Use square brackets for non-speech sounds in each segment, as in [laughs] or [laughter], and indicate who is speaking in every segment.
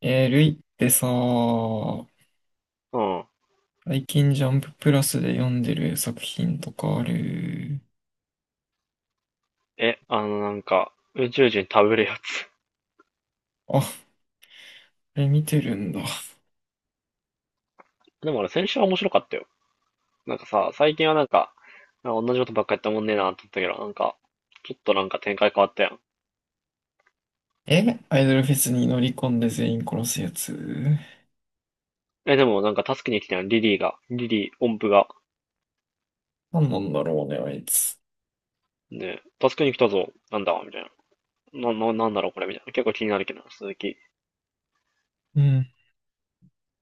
Speaker 1: ルイってさ、
Speaker 2: うん。
Speaker 1: 最近ジャンププラスで読んでる作品とかある？
Speaker 2: え、あのなんか、宇宙人食べるやつ。
Speaker 1: あ、あれ見てるんだ。
Speaker 2: [laughs] でもあれ先週は面白かったよ。なんかさ、最近はなんか同じことばっかやったもんねえなとて言ったけど、なんか、ちょっとなんか展開変わったやん。
Speaker 1: え、アイドルフェスに乗り込んで全員殺すやつ。
Speaker 2: でもなんか助けに来たやん、リリーが。リリー、音符が。
Speaker 1: なんなんだろうね、あいつ。
Speaker 2: ね、助けに来たぞ。なんだみたいな。なんだろうこれみたいな。結構気になるけどな、鈴木。
Speaker 1: うん。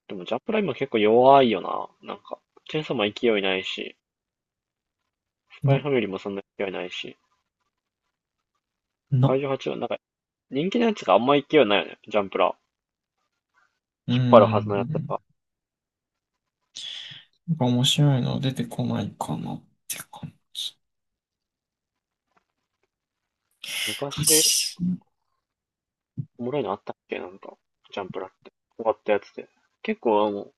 Speaker 2: でもジャンプラ今結構弱いよな。なんか、チェーンソーマン勢いないし、スパイ
Speaker 1: な、
Speaker 2: ファミリーもそんな勢いないし、
Speaker 1: な、
Speaker 2: 怪獣8はなんか、人気のやつがあんま勢いないよね、ジャンプラ。
Speaker 1: う
Speaker 2: 引っ張る
Speaker 1: ん、
Speaker 2: はずの
Speaker 1: な
Speaker 2: やつ
Speaker 1: ん
Speaker 2: が。
Speaker 1: か面白いの出てこないかなって感じ。
Speaker 2: 昔、おもろいのあったっけなんか、ジャンプラって。終わったやつで。結構、結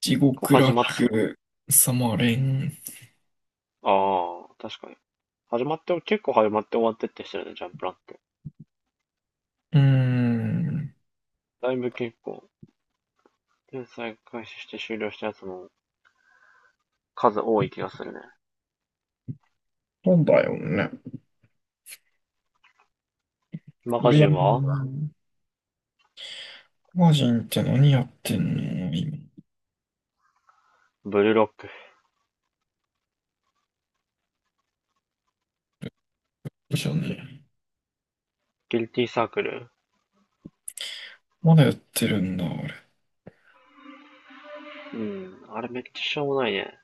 Speaker 1: 地
Speaker 2: 構
Speaker 1: 獄
Speaker 2: 始まっ、
Speaker 1: 楽、サマレン。
Speaker 2: ああ、確かに。始まって、結構始まって終わってってしてるね、ジャンプラって。
Speaker 1: うーん、
Speaker 2: だいぶ結構、連載開始して終了したやつの数多い気がするね。
Speaker 1: そうだよね。
Speaker 2: マガジ
Speaker 1: 俺、
Speaker 2: ンは
Speaker 1: マージンって何やってんの今？
Speaker 2: ブルーロック。
Speaker 1: でしょうね。
Speaker 2: ギルティーサークル。
Speaker 1: まだやってるんだ、あれ。
Speaker 2: うん、あれめっちゃしょうもないね。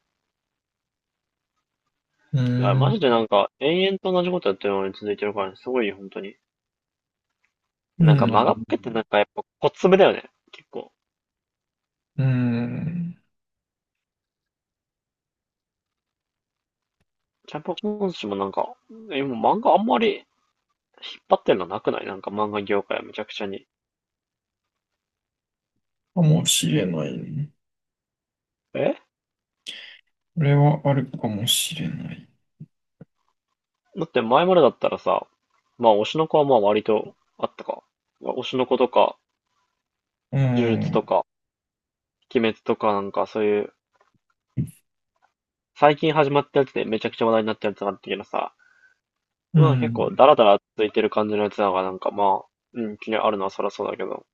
Speaker 1: う
Speaker 2: いや、
Speaker 1: ー
Speaker 2: マ
Speaker 1: ん。
Speaker 2: ジでなんか、延々と同じことやってるのに続いてるからね、すごいよ、本当に。
Speaker 1: う
Speaker 2: なんか、
Speaker 1: ん。
Speaker 2: マガっぺってなんかやっぱ、小粒だよね。結構。
Speaker 1: うーん。
Speaker 2: キャパ今週もなんか、今漫画あんまり引っ張ってんのなくない？なんか漫画業界はめちゃくちゃに。
Speaker 1: かもしれないね。
Speaker 2: え
Speaker 1: これはあるかもしれない。
Speaker 2: だって前までだったらさ、まあ推しの子はまあ割とあったか。推しの子とか、
Speaker 1: う
Speaker 2: 呪術と
Speaker 1: ん。
Speaker 2: か、鬼滅とかなんかそういう、最近始まったやつでめちゃくちゃ話題になったやつがあったけどさ、
Speaker 1: う
Speaker 2: まあ結構
Speaker 1: ん。
Speaker 2: ダラダラついてる感じのやつだからなんかまあ、うん、気にあるのはそりゃそうだけど、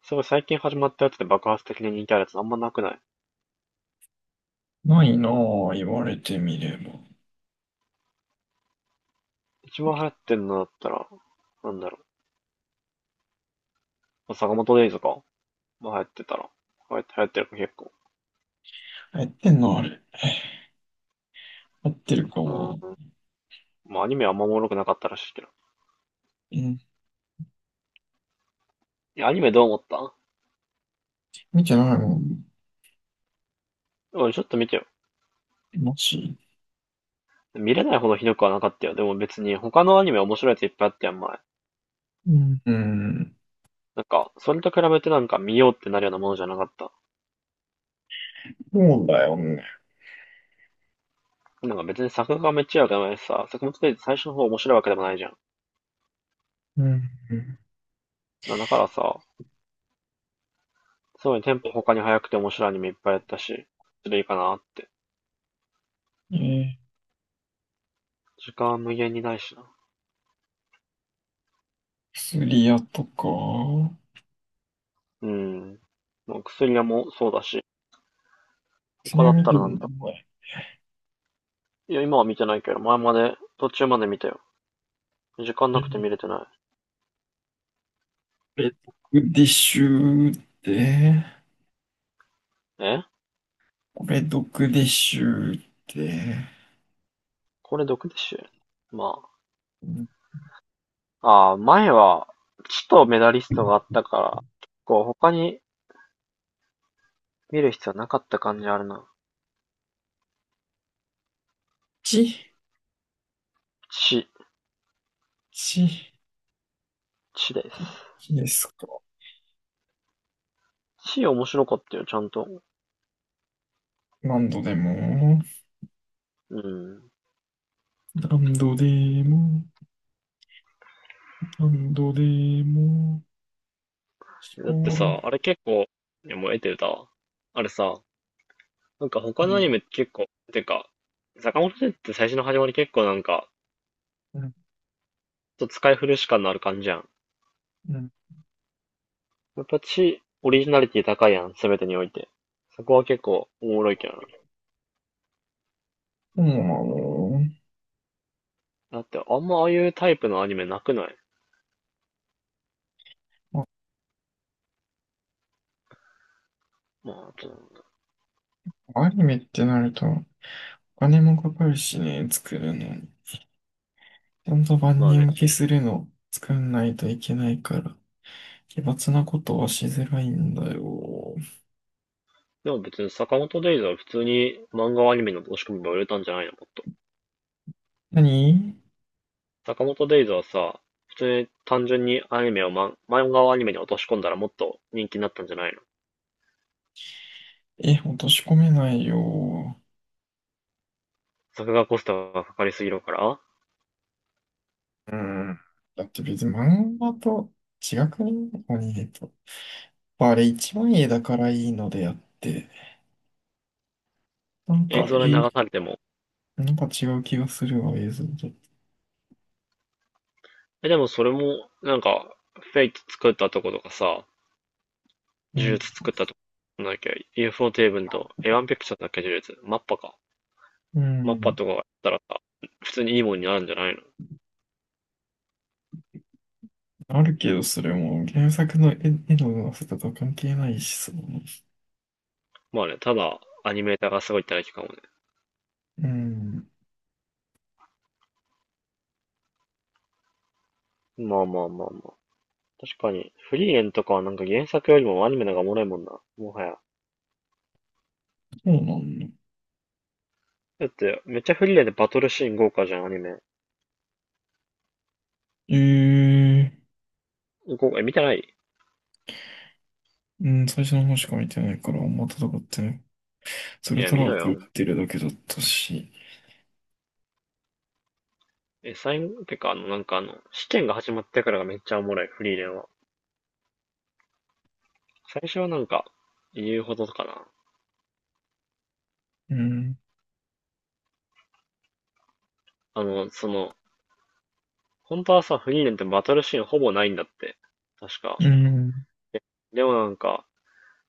Speaker 2: すごい最近始まったやつで爆発的に人気あるやつあんまなくない？
Speaker 1: ないなぁ、言われてみれば。
Speaker 2: 一番流行ってんのだったら、なんだろう、坂本デイズか。まあ流行ってたら。流行ってるか結構。
Speaker 1: やってんのあれ？やってるか
Speaker 2: う
Speaker 1: も。
Speaker 2: ん。まあアニメはあんまおもろくなかったらしいけど。
Speaker 1: うん。
Speaker 2: いや、アニメどう思った？
Speaker 1: 見てないもん。
Speaker 2: 俺ちょっと見てよ。
Speaker 1: マジ？
Speaker 2: 見れないほどひどくはなかったよ。でも別に他のアニメ面白いやついっぱいあったやん、前。
Speaker 1: うん。うん。
Speaker 2: なんか、それと比べてなんか見ようってなるようなものじゃなかった。
Speaker 1: そうだよね。
Speaker 2: なんか別に作画がめっちゃ良くないしさ、作物で最初の方面白いわけでもないじゃん。
Speaker 1: うん。
Speaker 2: だからさ、すごいテンポ他に早くて面白いアニメいっぱいやったし、それいいかなって。
Speaker 1: えー、
Speaker 2: 時間は無限にないしな。
Speaker 1: 薬屋とか。
Speaker 2: うん。もう薬屋もそうだし、
Speaker 1: 薬
Speaker 2: 他だ
Speaker 1: 屋
Speaker 2: っ
Speaker 1: 見
Speaker 2: た
Speaker 1: て
Speaker 2: ら
Speaker 1: るの
Speaker 2: なんだよ。
Speaker 1: お前？
Speaker 2: いや、今は見てないけど、前まで、途中まで見たよ。時間
Speaker 1: え
Speaker 2: なくて
Speaker 1: ー
Speaker 2: 見れてな
Speaker 1: これ、ディッシュって。
Speaker 2: い。
Speaker 1: これ、毒でしゅうって。
Speaker 2: これ毒でしょ？まあ。ああ、前は、ちとメダリストがあったから、結構他に見る必要なかった感じあるな。
Speaker 1: ち、
Speaker 2: ち、
Speaker 1: ち、
Speaker 2: ちです。
Speaker 1: ちですか？
Speaker 2: ち面白かったよ、ちゃんと。
Speaker 1: 何度でも、
Speaker 2: うん。
Speaker 1: 何度でも、何度でも、聞
Speaker 2: だって
Speaker 1: こ
Speaker 2: さ、あれ結構、いや、もう得てるだ。あれさ、なんか
Speaker 1: え
Speaker 2: 他
Speaker 1: る。
Speaker 2: の
Speaker 1: う
Speaker 2: アニ
Speaker 1: ん、
Speaker 2: メって結構、てか、坂本先生って最初の始まり結構なんか、
Speaker 1: うん、
Speaker 2: ちょっと使い古し感のある感じやん。
Speaker 1: うん。
Speaker 2: やっぱち、オリジナリティ高いやん、すべてにおいて。そこは結構おもろいけどな。
Speaker 1: そうなの？
Speaker 2: だって、あんまああいうタイプのアニメなくない？
Speaker 1: ま
Speaker 2: まあ、
Speaker 1: あアニメってなると、お金もかかるしね、作るのに。ちゃんと万
Speaker 2: まあね。
Speaker 1: 人受けするの、作んないといけないから、奇抜なことはしづらいんだよ。
Speaker 2: でも別に坂本デイズは普通に漫画をアニメの押し込みば売れたんじゃないの？もっと。
Speaker 1: 何
Speaker 2: 坂本デイズはさ、普通に単純にアニメをま漫画をアニメに落とし込んだらもっと人気になったんじゃないの？
Speaker 1: え、落とし込めないよ。
Speaker 2: 作画コストがかかりすぎるから
Speaker 1: うん。だって別に漫画と違くね？アニメと。あれ一番絵だからいいのであって、なん
Speaker 2: 映
Speaker 1: か、
Speaker 2: 像で
Speaker 1: え、
Speaker 2: 流されても。
Speaker 1: なんか違う気がするわ、映像と。
Speaker 2: え、でもそれも、なんか、フェイク作ったとことかさ、
Speaker 1: う
Speaker 2: 呪
Speaker 1: ん。
Speaker 2: 術作ったとこなんだっけ ?UFO テーブルと A1 ピクチャーだっけ呪術マッパか。
Speaker 1: う
Speaker 2: マッパ
Speaker 1: ん。
Speaker 2: とかやったらさ、普通にいいもんになるんじゃないの？
Speaker 1: あるけど、それも原作の絵の上手さとは関係ないしさ。
Speaker 2: まあね、ただ、アニメーターがすごいってだけかもね。
Speaker 1: うん。
Speaker 2: まあまあまあまあ。確かに、フリーレンとかはなんか原作よりもアニメの方がおもろいもんな。もはや。
Speaker 1: そうなんだ。
Speaker 2: だって、めっちゃフリーレンでバトルシーン豪華じゃん、アニメ。
Speaker 1: ええ、
Speaker 2: 豪華、見てない？
Speaker 1: うん、最初の方しか見てないから、あんま戦ってない。そ
Speaker 2: い
Speaker 1: れ
Speaker 2: や、
Speaker 1: ト
Speaker 2: 見
Speaker 1: ラン
Speaker 2: ろ
Speaker 1: プ打っ
Speaker 2: よ。
Speaker 1: てるだけだったし。
Speaker 2: 最後、てか、試験が始まってからがめっちゃおもろい、フリーレンは。最初はなんか、言うほどかな。
Speaker 1: うん。
Speaker 2: あの、その、本当はさ、フリーレンってバトルシーンほぼないんだって。確か。
Speaker 1: うん。
Speaker 2: で、でもなんか、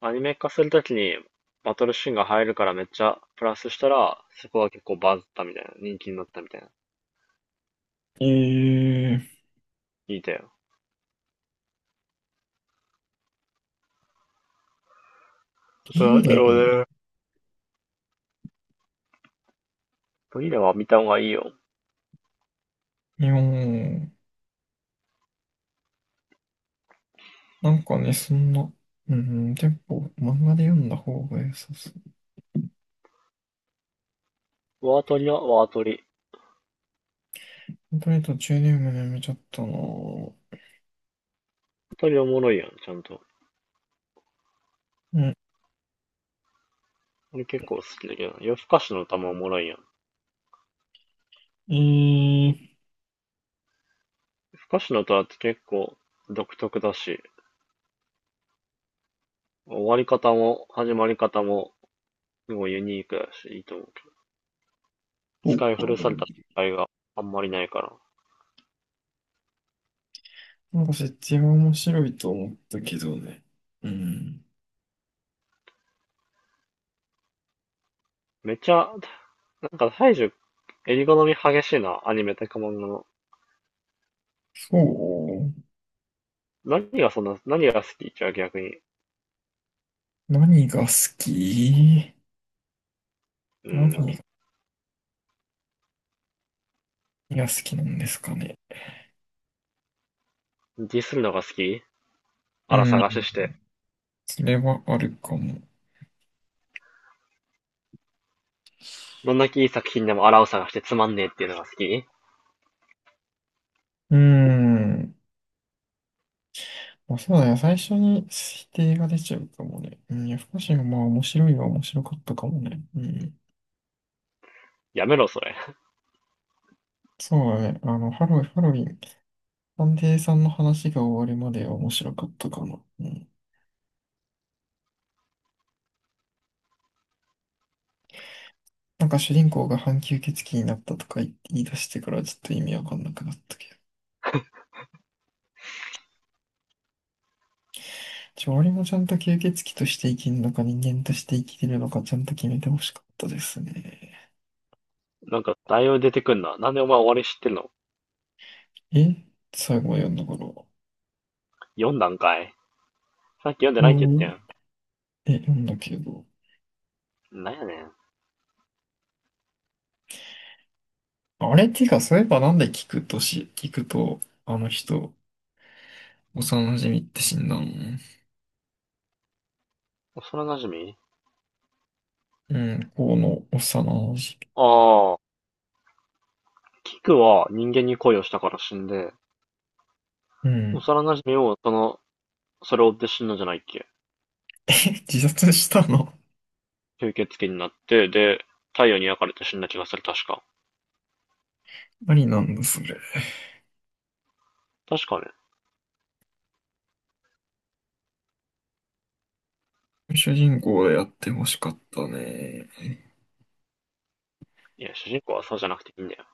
Speaker 2: アニメ化するときにバトルシーンが入るからめっちゃプラスしたら、そこは結構バズったみたいな。人気になったみたいな。
Speaker 1: ええ、
Speaker 2: 聞いたよ。あと
Speaker 1: い
Speaker 2: な
Speaker 1: い
Speaker 2: んだ
Speaker 1: ね。
Speaker 2: ろうね。フリーレンは見た方がいいよ。
Speaker 1: いや、なんかね、そんな、うん、結構漫画で読んだ方が良さそ
Speaker 2: ワートリはワートリ。ワ
Speaker 1: う。とりあえず途中で読むのやめちゃったなぁ。
Speaker 2: ートリおもろいやん、ちゃんと。
Speaker 1: うん、
Speaker 2: 俺結構好きだけどな。夜更かしの歌もおもろいやん。夜
Speaker 1: えー、
Speaker 2: 更かしの歌って結構独特だし、終わり方も始まり方もすごいユニークだし、いいと思う
Speaker 1: お、
Speaker 2: 使い
Speaker 1: あ
Speaker 2: 古
Speaker 1: れ、
Speaker 2: された使いがあんまりないから。
Speaker 1: なんか設定は面白いと思ったけどね。うん、
Speaker 2: めちゃ、なんか大樹、襟好み激しいな、アニメとか漫画の。
Speaker 1: そう。
Speaker 2: 何がそんな、何が好きじゃあ逆に。
Speaker 1: 何が好き
Speaker 2: うん。
Speaker 1: 何が好きなんですかね？
Speaker 2: ディスるのが好き？あ
Speaker 1: う
Speaker 2: ら
Speaker 1: ん、
Speaker 2: 探しして。
Speaker 1: それはあるかも。
Speaker 2: どんだけいい作品でもあらを探してつまんねえっていうのが好き？
Speaker 1: うん。まあ、そうだね。最初に否定が出ちゃうかもね。うん、夜更かしがまあ面白いは面白かったかもね。うん。
Speaker 2: やめろ、それ。[laughs]
Speaker 1: そうだね。あの、ハロウィン探偵さんの話が終わるまでは面白かったかな。うん。なんか主人公が半吸血鬼になったとか言い出してからちょっと意味わかんなくなったけど。俺もちゃんと吸血鬼として生きるのか人間として生きてるのかちゃんと決めてほしかったですね。
Speaker 2: なんか、だいぶ出てくんな。なんでお前終わり知ってんの？
Speaker 1: え、最後は読んだから。
Speaker 2: 読んだんかい？さっき読んで
Speaker 1: う
Speaker 2: ないって言っ
Speaker 1: ん。え、読んだけど。
Speaker 2: てん。なんやねん。
Speaker 1: あれっていうか、そういえばなんで聞くと、あの人、幼馴染って死んだの？
Speaker 2: 幼馴染？
Speaker 1: うん、この幼馴染。
Speaker 2: ああ、キクは人間に恋をしたから死んで、
Speaker 1: う
Speaker 2: 幼
Speaker 1: ん。
Speaker 2: 馴染をそれを追って死んだんじゃないっけ？
Speaker 1: [laughs] 自殺したの？
Speaker 2: 吸血鬼になって、で、太陽に焼かれて死んだ気がする、確か。
Speaker 1: あり、 [laughs] なんだ、それ。
Speaker 2: 確かね。
Speaker 1: 主人公でやってほしかったね。
Speaker 2: いや、主人公はそうじゃなくていいんだよ。